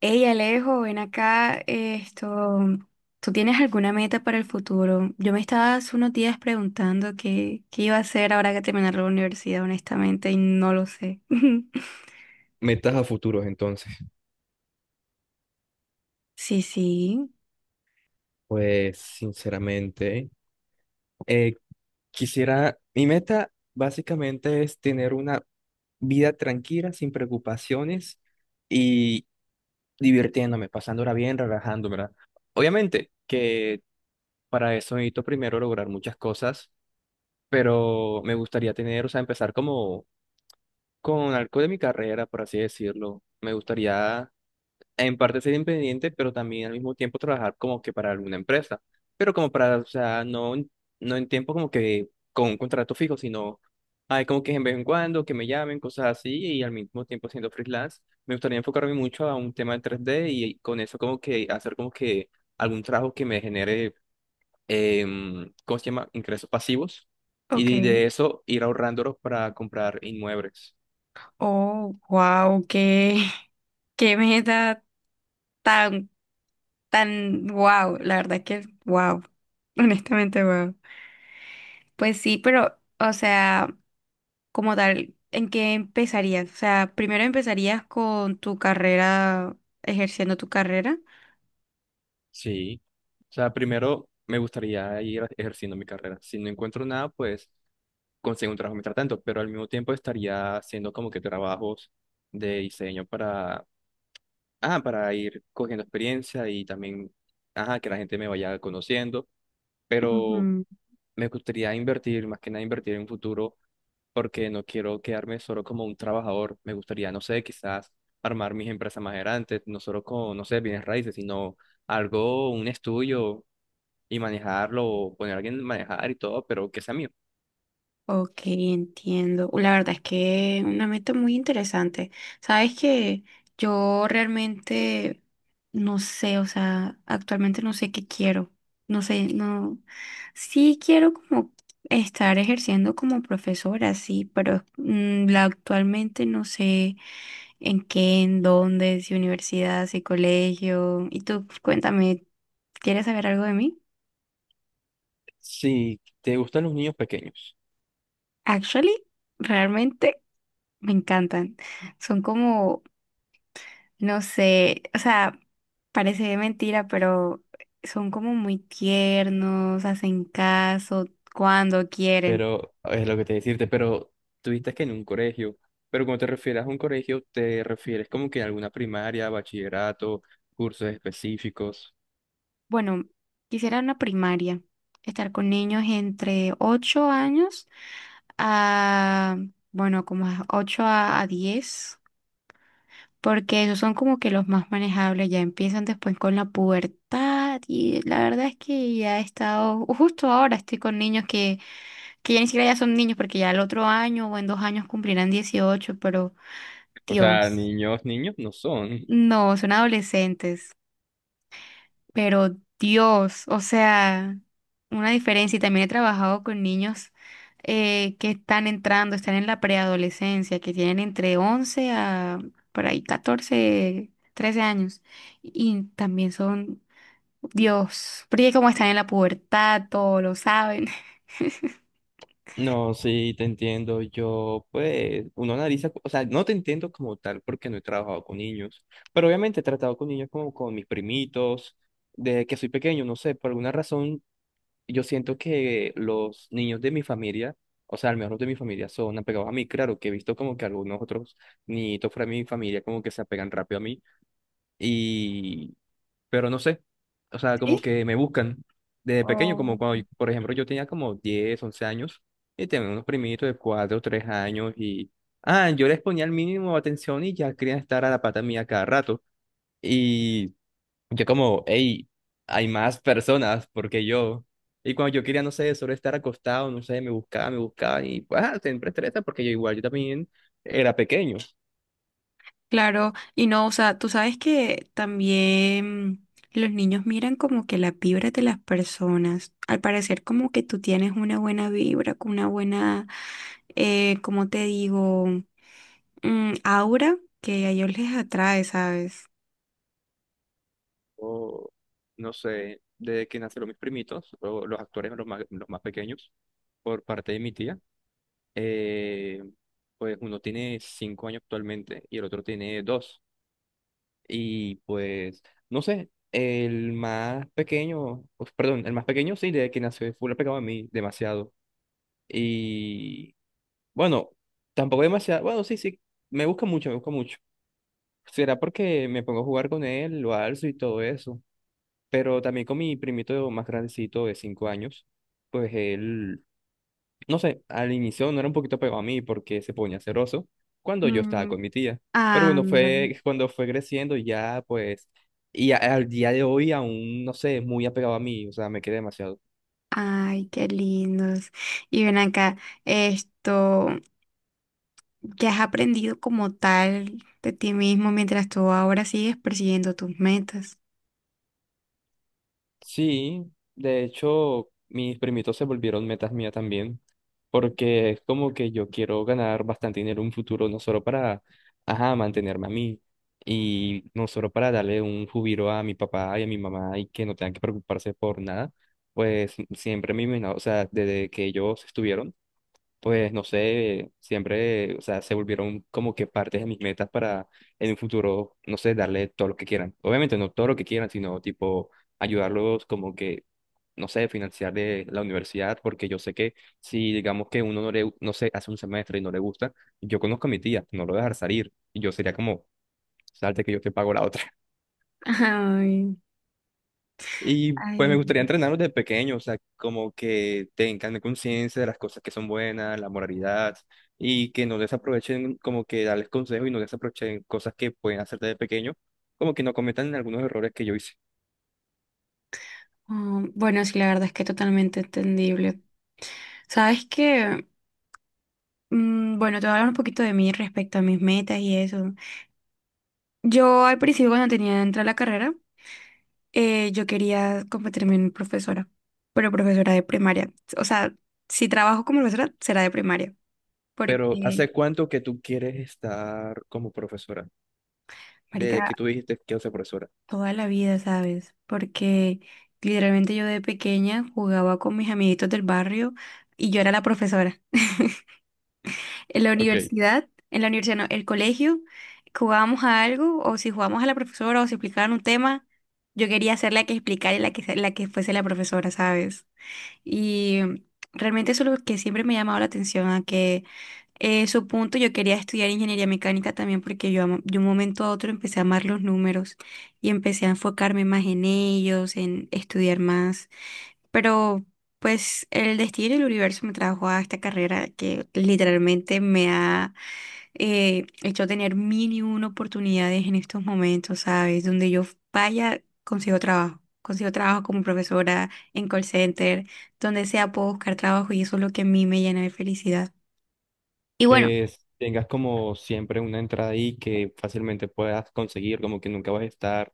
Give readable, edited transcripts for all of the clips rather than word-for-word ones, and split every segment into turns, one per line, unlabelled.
Hey Alejo, ven acá, esto, ¿tú tienes alguna meta para el futuro? Yo me estaba hace unos días preguntando qué iba a hacer ahora que terminar la universidad, honestamente, y no lo sé.
Metas a futuros, entonces.
Sí, sí,
Pues, sinceramente, eh, quisiera, mi meta básicamente es tener una vida tranquila, sin preocupaciones y divirtiéndome, pasándola bien, relajándome, ¿verdad? Obviamente que para eso necesito primero lograr muchas cosas, pero me gustaría tener, o sea, empezar como con algo de mi carrera, por así decirlo. Me gustaría en parte ser independiente, pero también al mismo tiempo trabajar como que para alguna empresa, pero como para, o sea, no, no en tiempo como que con un contrato fijo, sino hay como que en vez en cuando que me llamen, cosas así, y al mismo tiempo siendo freelance, me gustaría enfocarme mucho a un tema de 3D y con eso como que hacer como que algún trabajo que me genere, ¿cómo se llama? Ingresos pasivos, y
ok.
de eso ir ahorrándolos para comprar inmuebles.
Oh, wow, qué meta tan, tan, wow, la verdad que wow, honestamente wow. Pues sí, pero, o sea, como tal, ¿en qué empezarías? O sea, primero empezarías con tu carrera, ejerciendo tu carrera.
Sí, o sea, primero me gustaría ir ejerciendo mi carrera. Si no encuentro nada, pues consigo un trabajo mientras tanto, pero al mismo tiempo estaría haciendo como que trabajos de diseño para, para ir cogiendo experiencia y también, ajá, que la gente me vaya conociendo, pero
Ujú.
me gustaría invertir, más que nada invertir en un futuro, porque no quiero quedarme solo como un trabajador. Me gustaría, no sé, quizás armar mis empresas más grandes, no solo con, no sé, bienes raíces, sino algo, un estudio y manejarlo, poner a alguien a manejar y todo, pero que sea mío.
Ok, entiendo. La verdad es que una meta muy interesante. Sabes que yo realmente no sé, o sea, actualmente no sé qué quiero. No sé, no. Sí quiero como estar ejerciendo como profesora, sí, pero actualmente no sé. ¿En qué? ¿En dónde? ¿Si universidad? ¿Si colegio? Y tú, cuéntame, ¿quieres saber algo de mí?
Sí, te gustan los niños pequeños.
Actually, realmente me encantan. Son como, no sé, o sea, parece mentira, pero son como muy tiernos, hacen caso cuando quieren.
Pero es lo que te decirte, pero tuviste que en un colegio, pero cuando te refieres a un colegio, te refieres como que a alguna primaria, bachillerato, cursos específicos.
Bueno, quisiera una primaria, estar con niños entre 8 años a, bueno, como a 8 a 10. Porque esos son como que los más manejables, ya empiezan después con la pubertad y la verdad es que ya he estado, justo ahora estoy con niños que ya ni siquiera ya son niños porque ya el otro año o en 2 años cumplirán 18, pero
O sea,
Dios,
niños, niños no son.
no, son adolescentes. Pero Dios, o sea, una diferencia. Y también he trabajado con niños que están entrando, están en la preadolescencia, que tienen entre 11 a por ahí 14, 13 años. Y también son, Dios, porque como están en la pubertad, todo lo saben.
No, sí, te entiendo, yo pues, uno analiza, o sea, no te entiendo como tal porque no he trabajado con niños, pero obviamente he tratado con niños como con mis primitos, desde que soy pequeño, no sé, por alguna razón yo siento que los niños de mi familia, o sea, al menos los de mi familia son apegados a mí. Claro que he visto como que algunos otros niñitos fuera de mi familia como que se apegan rápido a mí y, pero no sé, o sea, como que me buscan desde pequeño, como cuando,
¿Sí?
por ejemplo, yo tenía como 10, 11 años y tenía unos primitos de 4, 3 años y, yo les ponía el mínimo de atención y ya querían estar a la pata mía cada rato. Yo como, hey, hay más personas porque yo. Y cuando yo quería, no sé, solo estar acostado, no sé, me buscaba y pues ah, siempre estresa porque yo igual, yo también era pequeño.
Claro, y no, o sea, tú sabes que también los niños miran como que la vibra de las personas. Al parecer como que tú tienes una buena vibra, con una buena, ¿cómo te digo? Aura que a ellos les atrae, ¿sabes?
O no sé, desde que nacieron mis primitos, o los actores los más pequeños, por parte de mi tía, eh, pues uno tiene 5 años actualmente y el otro tiene dos. Y pues, no sé, el más pequeño, pues, perdón, el más pequeño sí, desde que nació, fue lo pegado a mí demasiado. Y bueno, tampoco demasiado. Bueno, sí, sí, me busca mucho, me busca mucho. Será porque me pongo a jugar con él, lo alzo y todo eso. Pero también con mi primito más grandecito de 5 años, pues él, no sé, al inicio no era un poquito pegado a mí porque se ponía celoso cuando yo estaba con
Mm,
mi tía. Pero bueno,
ándale.
fue cuando fue creciendo ya, pues, y al día de hoy aún, no sé, es muy apegado a mí, o sea, me quedé demasiado.
Ay, qué lindos. Y ven acá, esto, ¿qué has aprendido como tal de ti mismo mientras tú ahora sigues persiguiendo tus metas?
Sí, de hecho, mis primitos se volvieron metas mías también, porque es como que yo quiero ganar bastante dinero en un futuro, no solo para, ajá, mantenerme a mí, y no solo para darle un jubilo a mi papá y a mi mamá y que no tengan que preocuparse por nada, pues siempre me imagino, o sea, desde que ellos estuvieron pues no sé, siempre, o sea, se volvieron como que partes de mis metas para en un futuro, no sé, darle todo lo que quieran. Obviamente no todo lo que quieran, sino tipo ayudarlos como que, no sé, financiar de la universidad, porque yo sé que si digamos que uno no le, no sé, hace un semestre y no le gusta, yo conozco a mi tía, no lo voy a dejar salir, y yo sería como, salte que yo te pago la otra.
Ay.
Y pues me
Ay,
gustaría entrenarlos desde pequeño, o sea, como que tengan conciencia de las cosas que son buenas, la moralidad, y que no desaprovechen, como que darles consejos y no desaprovechen cosas que pueden hacer desde pequeño, como que no cometan algunos errores que yo hice.
ah, bueno, sí, la verdad es que totalmente entendible. Sabes que, bueno, te voy a hablar un poquito de mí respecto a mis metas y eso. Yo al principio cuando tenía entrar a la carrera, yo quería convertirme en profesora, pero profesora de primaria. O sea, si trabajo como profesora, será de primaria, porque,
Pero ¿hace cuánto que tú quieres estar como profesora? Desde
marica,
que tú dijiste que quiero ser profesora.
toda la vida, ¿sabes? Porque literalmente yo de pequeña jugaba con mis amiguitos del barrio y yo era la profesora. En la
Ok.
universidad, en la universidad, no, el colegio, que jugábamos a algo, o si jugábamos a la profesora, o si explicaban un tema, yo quería ser la que explicara y la que fuese la profesora, ¿sabes? Y realmente eso es lo que siempre me ha llamado la atención, a que su punto yo quería estudiar ingeniería mecánica también porque de un momento a otro empecé a amar los números y empecé a enfocarme más en ellos, en estudiar más. Pero pues el destino y el universo me trajo a esta carrera que literalmente me ha hecho tener mil y una oportunidades en estos momentos, ¿sabes? Donde yo vaya, consigo trabajo. Consigo trabajo como profesora en call center, donde sea puedo buscar trabajo y eso es lo que a mí me llena de felicidad. Y bueno.
Tengas como siempre una entrada ahí que fácilmente puedas conseguir, como que nunca vas a estar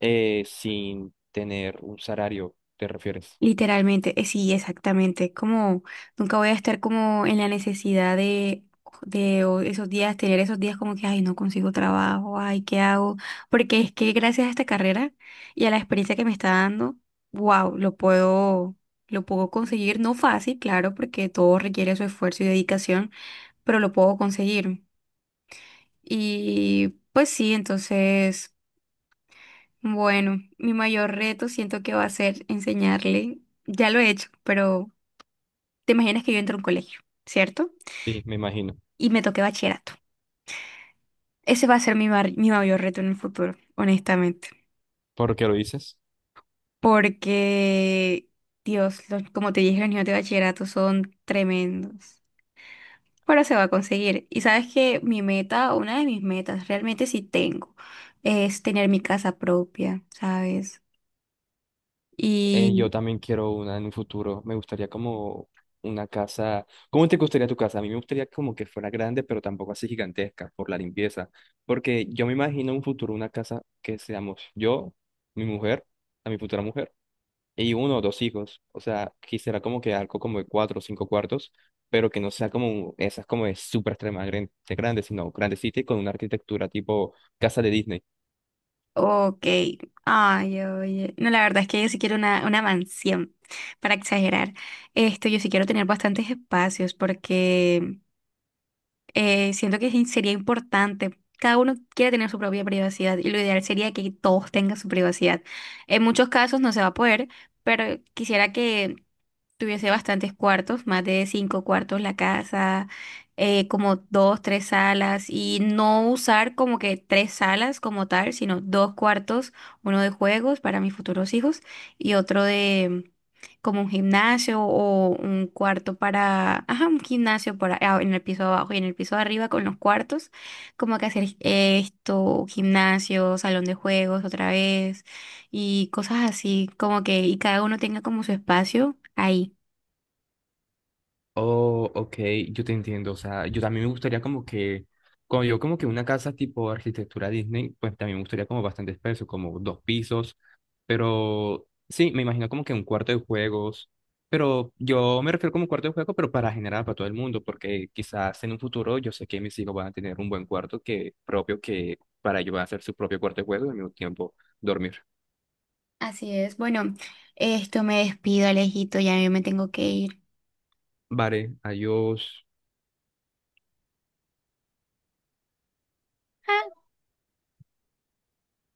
sin tener un salario, ¿te refieres?
Literalmente, sí, exactamente. Como nunca voy a estar como en la necesidad de o esos días, tener esos días como que, ay, no consigo trabajo, ay, ¿qué hago? Porque es que gracias a esta carrera y a la experiencia que me está dando, wow, lo puedo conseguir. No fácil, claro, porque todo requiere su esfuerzo y dedicación, pero lo puedo conseguir. Y pues sí, entonces, bueno, mi mayor reto siento que va a ser enseñarle. Ya lo he hecho, pero te imaginas que yo entro a un colegio, ¿cierto?
Sí, me imagino.
Y me toque bachillerato. Ese va a ser mi mayor reto en el futuro, honestamente.
¿Por qué lo dices,
Porque, Dios, como te dije, los niños de bachillerato son tremendos. Pero se va a conseguir. Y sabes que mi meta, una de mis metas, realmente sí tengo, es tener mi casa propia, ¿sabes?
yo también quiero una en un futuro. Me gustaría como una casa. ¿Cómo te gustaría tu casa? A mí me gustaría como que fuera grande, pero tampoco así gigantesca por la limpieza. Porque yo me imagino en un futuro una casa que seamos yo, mi mujer, a mi futura mujer, y uno o dos hijos. O sea, quisiera como que algo como de cuatro o cinco cuartos, pero que no sea como esas como de súper extremadamente grandes, sino grandecita y con una arquitectura tipo casa de Disney.
Ok. Ay, oye. No, la verdad es que yo sí quiero una mansión, para exagerar. Esto, yo sí quiero tener bastantes espacios porque siento que sí sería importante. Cada uno quiere tener su propia privacidad y lo ideal sería que todos tengan su privacidad. En muchos casos no se va a poder, pero quisiera que tuviese bastantes cuartos, más de cinco cuartos la casa, como dos, tres salas y no usar como que tres salas como tal, sino dos cuartos, uno de juegos para mis futuros hijos y otro como un gimnasio o un cuarto para, ajá, un gimnasio para, ah, en el piso de abajo y en el piso de arriba con los cuartos, como que hacer esto, gimnasio, salón de juegos otra vez y cosas así, como que y cada uno tenga como su espacio ahí.
Oh, ok, yo te entiendo. O sea, yo también me gustaría como que, cuando yo como que una casa tipo arquitectura Disney, pues también me gustaría como bastante espeso, como dos pisos. Pero sí, me imagino como que un cuarto de juegos. Pero yo me refiero como cuarto de juego, pero para generar para todo el mundo, porque quizás en un futuro yo sé que mis hijos van a tener un buen cuarto que propio que para ellos va a ser su propio cuarto de juego y al mismo tiempo dormir.
Así es, bueno, esto me despido, Alejito, ya yo me tengo que ir.
Vale, adiós.